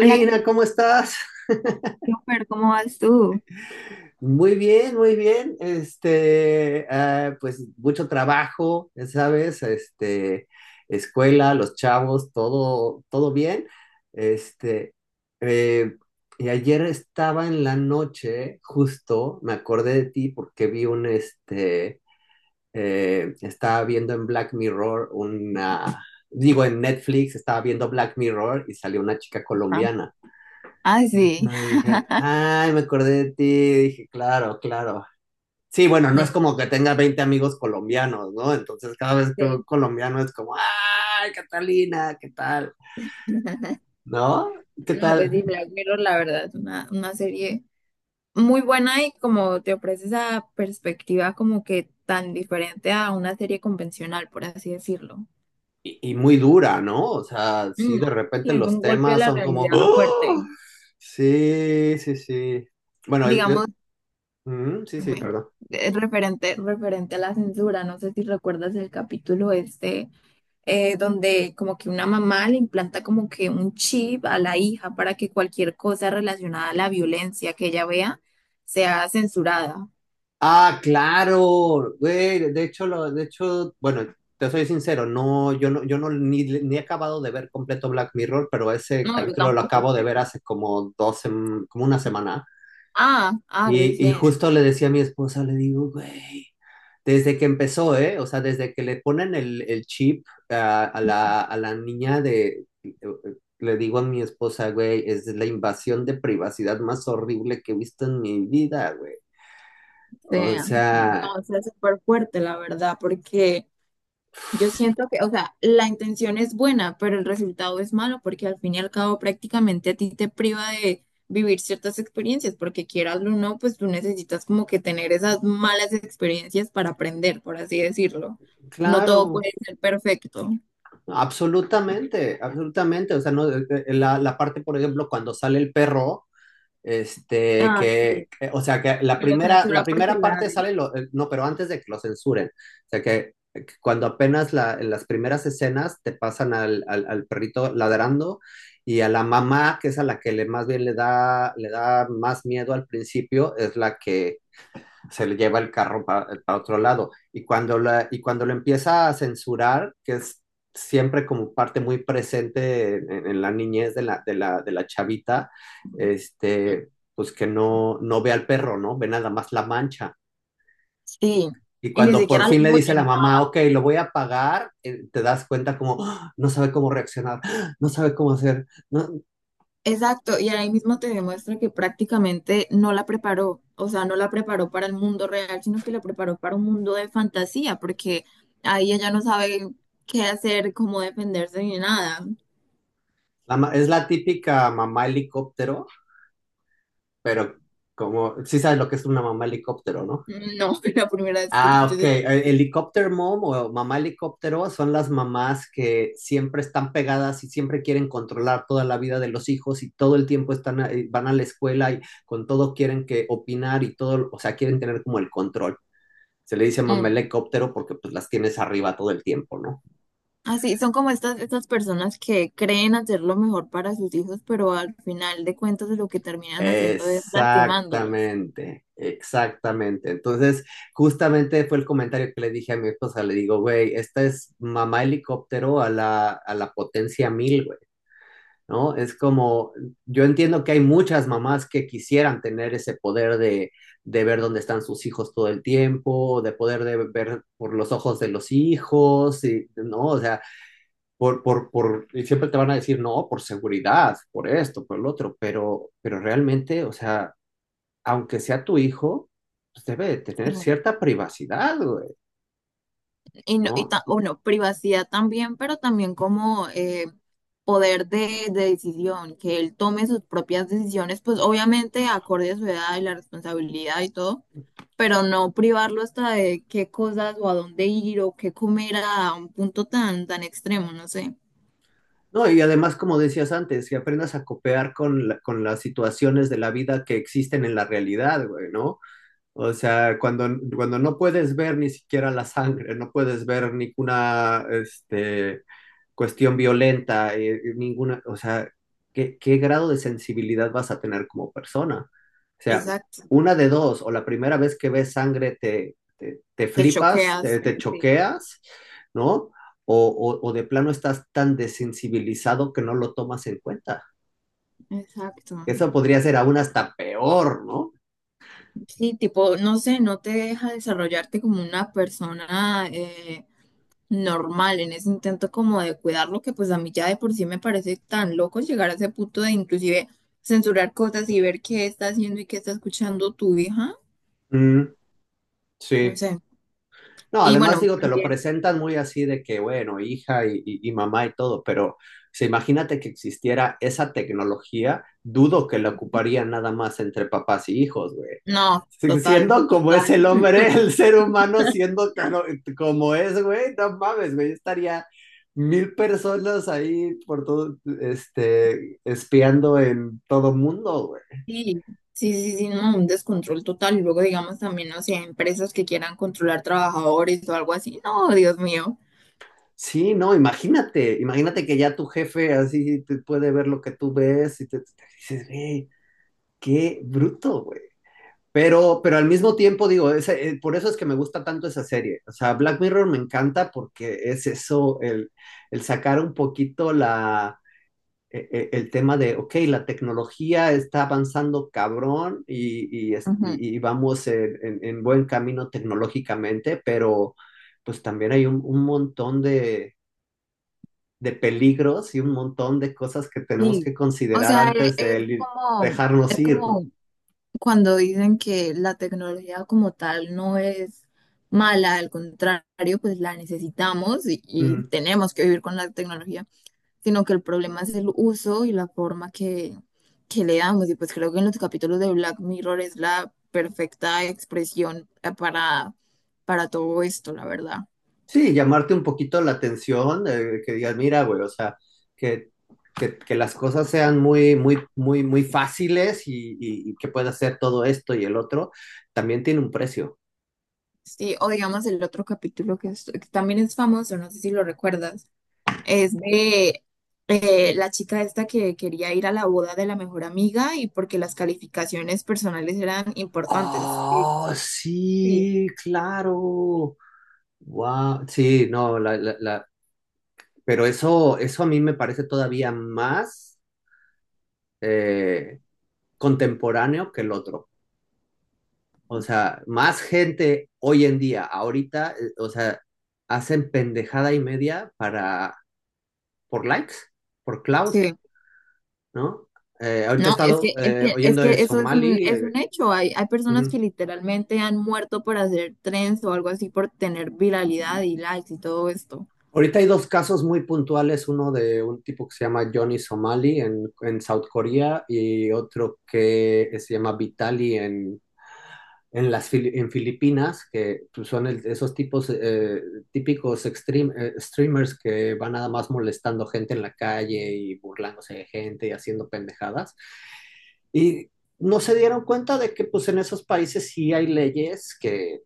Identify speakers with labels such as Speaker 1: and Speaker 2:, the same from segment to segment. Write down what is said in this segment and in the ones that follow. Speaker 1: Hola,
Speaker 2: ¿cómo estás?
Speaker 1: Christopher, ¿cómo vas tú?
Speaker 2: Muy bien, muy bien. Pues mucho trabajo, ya sabes, escuela, los chavos, todo, todo bien. Este, eh, y ayer estaba en la noche, justo, me acordé de ti porque estaba viendo en Black Mirror una, digo, en Netflix estaba viendo Black Mirror y salió una chica
Speaker 1: Ajá.
Speaker 2: colombiana.
Speaker 1: Ah, sí.
Speaker 2: No, dije, ay, me acordé de ti. Dije, claro, claro. Sí, bueno, no es
Speaker 1: No,
Speaker 2: como que tenga 20 amigos colombianos, ¿no? Entonces, cada vez que
Speaker 1: sí.
Speaker 2: un colombiano es como, ay, Catalina, ¿qué tal? ¿No? ¿Qué
Speaker 1: No, pues
Speaker 2: tal?
Speaker 1: sí, Black Mirror, la verdad, es una serie muy buena y como te ofrece esa perspectiva como que tan diferente a una serie convencional, por así decirlo.
Speaker 2: Y muy dura, ¿no? O sea, sí,
Speaker 1: Mm,
Speaker 2: de
Speaker 1: sí,
Speaker 2: repente
Speaker 1: es
Speaker 2: los
Speaker 1: un golpe a
Speaker 2: temas
Speaker 1: la
Speaker 2: son como,
Speaker 1: realidad
Speaker 2: ¡Oh!
Speaker 1: fuerte.
Speaker 2: Sí, sí, sí. Bueno,
Speaker 1: Digamos,
Speaker 2: mm, sí, sí,
Speaker 1: dime,
Speaker 2: perdón.
Speaker 1: referente a la censura, no sé si recuerdas el capítulo este. Eh, donde como que una mamá le implanta como que un chip a la hija para que cualquier cosa relacionada a la violencia que ella vea sea censurada.
Speaker 2: Ah, claro, güey, de hecho, bueno, te soy sincero, no, yo no ni he acabado de ver completo Black Mirror, pero ese
Speaker 1: No, yo
Speaker 2: capítulo lo
Speaker 1: tampoco.
Speaker 2: acabo de ver hace como como una semana.
Speaker 1: Ah,
Speaker 2: Y
Speaker 1: recién.
Speaker 2: justo le decía a mi esposa, le digo, güey, desde que empezó, ¿eh? O sea, desde que le ponen el chip a la niña le digo a mi esposa, güey, es la invasión de privacidad más horrible que he visto en mi vida, güey.
Speaker 1: O
Speaker 2: O
Speaker 1: sea, no,
Speaker 2: sea,
Speaker 1: o sea, súper fuerte, la verdad, porque yo siento que, o sea, la intención es buena, pero el resultado es malo porque al fin y al cabo prácticamente a ti te priva de vivir ciertas experiencias, porque quieras o no, pues tú necesitas como que tener esas malas experiencias para aprender, por así decirlo. No todo
Speaker 2: claro.
Speaker 1: puede ser perfecto.
Speaker 2: Absolutamente, absolutamente. O sea, no, la, la parte, por ejemplo, cuando sale el perro,
Speaker 1: Ah, sí,
Speaker 2: o sea, que la
Speaker 1: que lo
Speaker 2: primera, la
Speaker 1: censura porque
Speaker 2: primera
Speaker 1: la...
Speaker 2: parte sale, no, pero antes de que lo censuren. O sea, que cuando apenas en las primeras escenas te pasan al perrito ladrando y a la mamá, que es a la que más bien le da más miedo al principio, es la que se le lleva el carro para pa otro lado. Y cuando lo empieza a censurar, que es siempre como parte muy presente en la niñez de la chavita, este, pues que no, no ve al perro, ¿no? Ve nada más la mancha.
Speaker 1: Sí,
Speaker 2: Y
Speaker 1: y ni
Speaker 2: cuando por
Speaker 1: siquiera lo
Speaker 2: fin le dice
Speaker 1: oye
Speaker 2: la
Speaker 1: ni nada.
Speaker 2: mamá, ok, lo voy a pagar, te das cuenta como, ¡Ah! No sabe cómo reaccionar, ¡Ah! No sabe cómo hacer. No,
Speaker 1: Exacto, y ahí mismo te demuestra que prácticamente no la preparó, o sea, no la preparó para el mundo real, sino que la preparó para un mundo de fantasía, porque ahí ella no sabe qué hacer, cómo defenderse ni nada.
Speaker 2: es la típica mamá helicóptero, pero como, sí sabes lo que es una mamá helicóptero, ¿no?
Speaker 1: Mm, no, la primera vez que
Speaker 2: Ah,
Speaker 1: escucho
Speaker 2: ok.
Speaker 1: ese término.
Speaker 2: Helicopter Mom o Mamá Helicóptero son las mamás que siempre están pegadas y siempre quieren controlar toda la vida de los hijos y todo el tiempo están, van a la escuela y con todo quieren que opinar y todo, o sea, quieren tener como el control. Se le dice Mamá
Speaker 1: Mm.
Speaker 2: Helicóptero porque pues las tienes arriba todo el tiempo, ¿no?
Speaker 1: Así, son como estas personas que creen hacer lo mejor para sus hijos, pero al final de cuentas lo que terminan haciendo es lastimándolos.
Speaker 2: Exactamente, exactamente. Entonces, justamente fue el comentario que le dije a mi esposa, le digo, güey, esta es Mamá Helicóptero a la potencia 1000, güey. ¿No? Es como, yo entiendo que hay muchas mamás que quisieran tener ese poder de ver dónde están sus hijos todo el tiempo, de poder de ver por los ojos de los hijos, ¿no? O sea, y siempre te van a decir, no, por seguridad, por esto, por lo otro, pero realmente, o sea, aunque sea tu hijo, pues debe de
Speaker 1: Sí.
Speaker 2: tener cierta privacidad, güey,
Speaker 1: Y, no- y
Speaker 2: ¿no?
Speaker 1: ta- bueno, privacidad también, pero también como poder de decisión, que él tome sus propias decisiones, pues obviamente acorde a su edad y la responsabilidad y todo, pero no privarlo hasta de qué cosas o a dónde ir o qué comer a un punto tan, tan extremo, no sé.
Speaker 2: No, y además, como decías antes, que aprendas a copear con las situaciones de la vida que existen en la realidad, güey, ¿no? O sea, cuando no puedes ver ni siquiera la sangre, no puedes ver ninguna, cuestión violenta, ninguna, o sea, ¿qué grado de sensibilidad vas a tener como persona? O sea,
Speaker 1: Exacto.
Speaker 2: una de dos, o la primera vez que ves sangre te
Speaker 1: Te
Speaker 2: flipas,
Speaker 1: choqueas.
Speaker 2: te
Speaker 1: Sí.
Speaker 2: choqueas, ¿no? O de plano estás tan desensibilizado que no lo tomas en cuenta.
Speaker 1: Exacto.
Speaker 2: Eso podría ser aún hasta peor, ¿no?
Speaker 1: Sí, tipo, no sé, no te deja desarrollarte como una persona, normal, en ese intento como de cuidarlo, que pues a mí ya de por sí me parece tan loco llegar a ese punto de inclusive censurar cosas y ver qué está haciendo y qué está escuchando tu hija,
Speaker 2: Mm,
Speaker 1: no
Speaker 2: sí.
Speaker 1: sé.
Speaker 2: No,
Speaker 1: Y
Speaker 2: además
Speaker 1: bueno,
Speaker 2: digo, te lo
Speaker 1: también,
Speaker 2: presentan muy así de que, bueno, hija y mamá y todo, pero se imagínate que existiera esa tecnología, dudo que la ocuparían nada más entre papás y hijos, güey.
Speaker 1: no,
Speaker 2: Si-
Speaker 1: total,
Speaker 2: Siendo como es
Speaker 1: total.
Speaker 2: el hombre, el ser humano, siendo como es, güey, no mames, güey, estaría 1000 personas ahí por todo, espiando en todo mundo.
Speaker 1: Sí, sí, sí, sí, no, un descontrol total. Y luego digamos también, no sé, empresas que quieran controlar trabajadores o algo así, no, Dios mío.
Speaker 2: Sí, no, imagínate, imagínate que ya tu jefe así te puede ver lo que tú ves y te dices, güey, qué bruto, güey. Pero al mismo tiempo digo, por eso es que me gusta tanto esa serie. O sea, Black Mirror me encanta porque es eso, el sacar un poquito el tema de, ok, la tecnología está avanzando cabrón y, y, es-
Speaker 1: Ujú.
Speaker 2: y- y vamos en buen camino tecnológicamente, pero pues también hay un montón de peligros y un montón de cosas que tenemos que
Speaker 1: Sí, o
Speaker 2: considerar
Speaker 1: sea, e-
Speaker 2: antes de dejarnos
Speaker 1: es
Speaker 2: ir, ¿no?
Speaker 1: como cuando dicen que la tecnología como tal no es mala, al contrario, pues la necesitamos y
Speaker 2: Mm.
Speaker 1: tenemos que vivir con la tecnología, sino que el problema es el uso y la forma que le damos. Y pues creo que en los capítulos de Black Mirror es la perfecta expresión para todo esto, la verdad.
Speaker 2: Sí, llamarte un poquito la atención, que digas, mira, güey, o sea, que, que las cosas sean muy, muy, muy, muy fáciles y que puedas hacer todo esto y el otro, también tiene un precio.
Speaker 1: Sí, o digamos el otro capítulo que, es- que también es famoso, no sé si lo recuerdas. Es de la chica esta que quería ir a la boda de la mejor amiga y porque las calificaciones personales eran importantes. Sí,
Speaker 2: Oh,
Speaker 1: sí.
Speaker 2: sí, claro. Wow. Sí, no, pero eso a mí me parece todavía más. eh, Contemporáneo que el otro. O sea, más gente hoy en día, ahorita, o sea, hacen pendejada y media por likes, por cloud,
Speaker 1: Sí.
Speaker 2: ¿no? Ahorita he
Speaker 1: No, es
Speaker 2: estado
Speaker 1: que, es que, es
Speaker 2: oyendo
Speaker 1: que
Speaker 2: de
Speaker 1: eso
Speaker 2: Somali.
Speaker 1: es
Speaker 2: eh,
Speaker 1: un hecho. Hay personas que
Speaker 2: ujú.
Speaker 1: literalmente han muerto por hacer trends o algo así por tener viralidad y likes y todo esto.
Speaker 2: Ahorita hay dos casos muy puntuales, uno de un tipo que se llama Johnny Somali en South Korea y otro que se llama Vitali en Filipinas, que pues, son esos tipos típicos extreme, streamers que van nada más molestando gente en la calle y burlándose de gente y haciendo pendejadas. Y no se dieron cuenta de que pues en esos países sí hay leyes que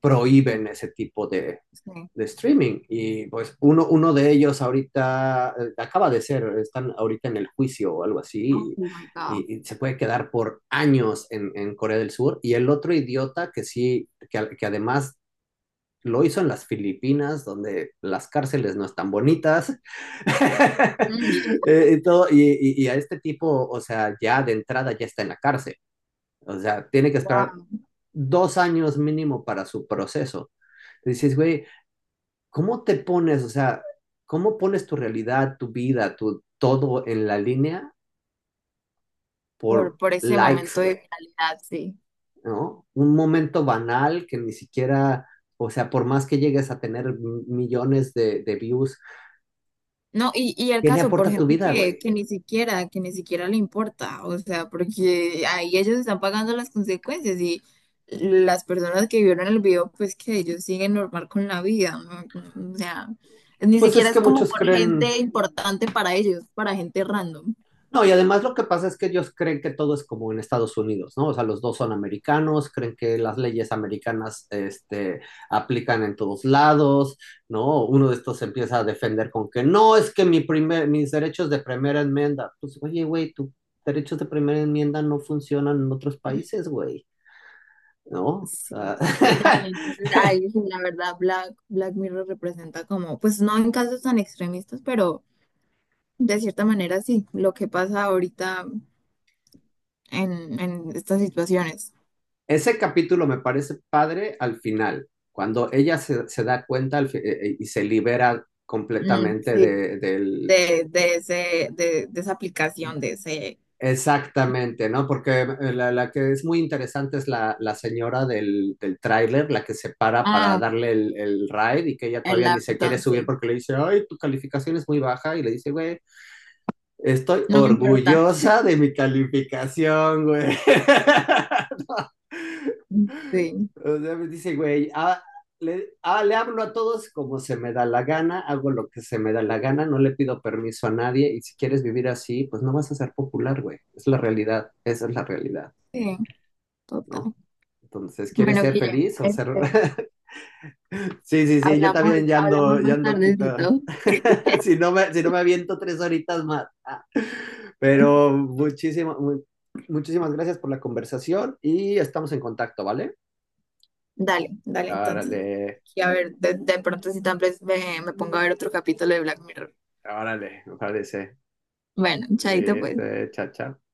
Speaker 2: prohíben ese tipo de,
Speaker 1: Sí.
Speaker 2: de streaming. Y pues uno de ellos ahorita están ahorita en el juicio o algo
Speaker 1: Oh
Speaker 2: así,
Speaker 1: my
Speaker 2: y,
Speaker 1: God.
Speaker 2: y- y se puede quedar por años en Corea del Sur. Y el otro idiota que sí, que además lo hizo en las Filipinas, donde las cárceles no están bonitas.
Speaker 1: Mm,
Speaker 2: Y a este tipo, o sea, ya de entrada ya está en la cárcel. O sea, tiene que esperar
Speaker 1: wow.
Speaker 2: 2 años mínimo para su proceso. Dices, güey, ¿cómo te pones, o sea, cómo pones tu realidad, tu vida, tu todo en la línea por
Speaker 1: Por ese
Speaker 2: likes,
Speaker 1: momento de
Speaker 2: güey,
Speaker 1: viralidad, sí.
Speaker 2: ¿no? Un momento banal que ni siquiera, o sea, por más que llegues a tener millones de views,
Speaker 1: No, y el
Speaker 2: ¿qué le
Speaker 1: caso por
Speaker 2: aporta a tu
Speaker 1: gente
Speaker 2: vida,
Speaker 1: que,
Speaker 2: güey?
Speaker 1: que ni siquiera le importa, o sea, porque ahí ellos están pagando las consecuencias y las personas que vieron el video, pues que ellos siguen normal con la vida, ¿no? O sea, ni
Speaker 2: Pues
Speaker 1: siquiera
Speaker 2: es que
Speaker 1: es como
Speaker 2: muchos
Speaker 1: por
Speaker 2: creen.
Speaker 1: gente importante para ellos, para gente random.
Speaker 2: No, y además lo que pasa es que ellos creen que todo es como en Estados Unidos, ¿no? O sea, los dos son americanos, creen que las leyes americanas, aplican en todos lados, ¿no? Uno de estos se empieza a defender con que no, es que mis derechos de primera enmienda, pues, oye, güey, tus derechos de primera enmienda no funcionan en otros países, güey, ¿no? O
Speaker 1: Sí.
Speaker 2: sea,
Speaker 1: No, y entonces, ay, sí, la verdad, Black, Black Mirror representa como, pues no en casos tan extremistas, pero de cierta manera sí, lo que pasa ahorita en estas situaciones.
Speaker 2: ese capítulo me parece padre al final, cuando ella se da cuenta y se libera
Speaker 1: Mm,
Speaker 2: completamente
Speaker 1: sí,
Speaker 2: del.
Speaker 1: de, ese, de esa aplicación, de ese...
Speaker 2: Exactamente, ¿no? Porque la que es muy interesante es la señora del tráiler, la que se para
Speaker 1: Ah,
Speaker 2: darle el ride y que ella
Speaker 1: el
Speaker 2: todavía ni se quiere
Speaker 1: Avidon,
Speaker 2: subir
Speaker 1: sí.
Speaker 2: porque le dice, ay, tu calificación es muy baja y le dice, güey, estoy
Speaker 1: No me importa.
Speaker 2: orgullosa de mi calificación, güey.
Speaker 1: Mm, sí,
Speaker 2: O sea, me dice, güey, le hablo a todos como se me da la gana, hago lo que se me da la gana, no le pido permiso a nadie y si quieres vivir así, pues no vas a ser popular, güey. Es la realidad, esa es la realidad,
Speaker 1: sí, total.
Speaker 2: ¿no? Entonces, ¿quieres
Speaker 1: Bueno,
Speaker 2: ser
Speaker 1: Guille,
Speaker 2: feliz o ser?
Speaker 1: este,
Speaker 2: Sí, sí, sí, yo
Speaker 1: hablamos,
Speaker 2: también ya
Speaker 1: hablamos
Speaker 2: ando, ya
Speaker 1: más
Speaker 2: ando quita.
Speaker 1: tardecito.
Speaker 2: si no me aviento 3 horitas más. Pero muchísimas gracias por la conversación y estamos en contacto, ¿vale?
Speaker 1: Dale, dale, entonces.
Speaker 2: Árale,
Speaker 1: Y a ver, de pronto si tal vez me, me pongo a ver otro capítulo de Black Mirror.
Speaker 2: árale, me parece.
Speaker 1: Bueno, chaito
Speaker 2: Sí,
Speaker 1: pues.
Speaker 2: sí, Chao, chao.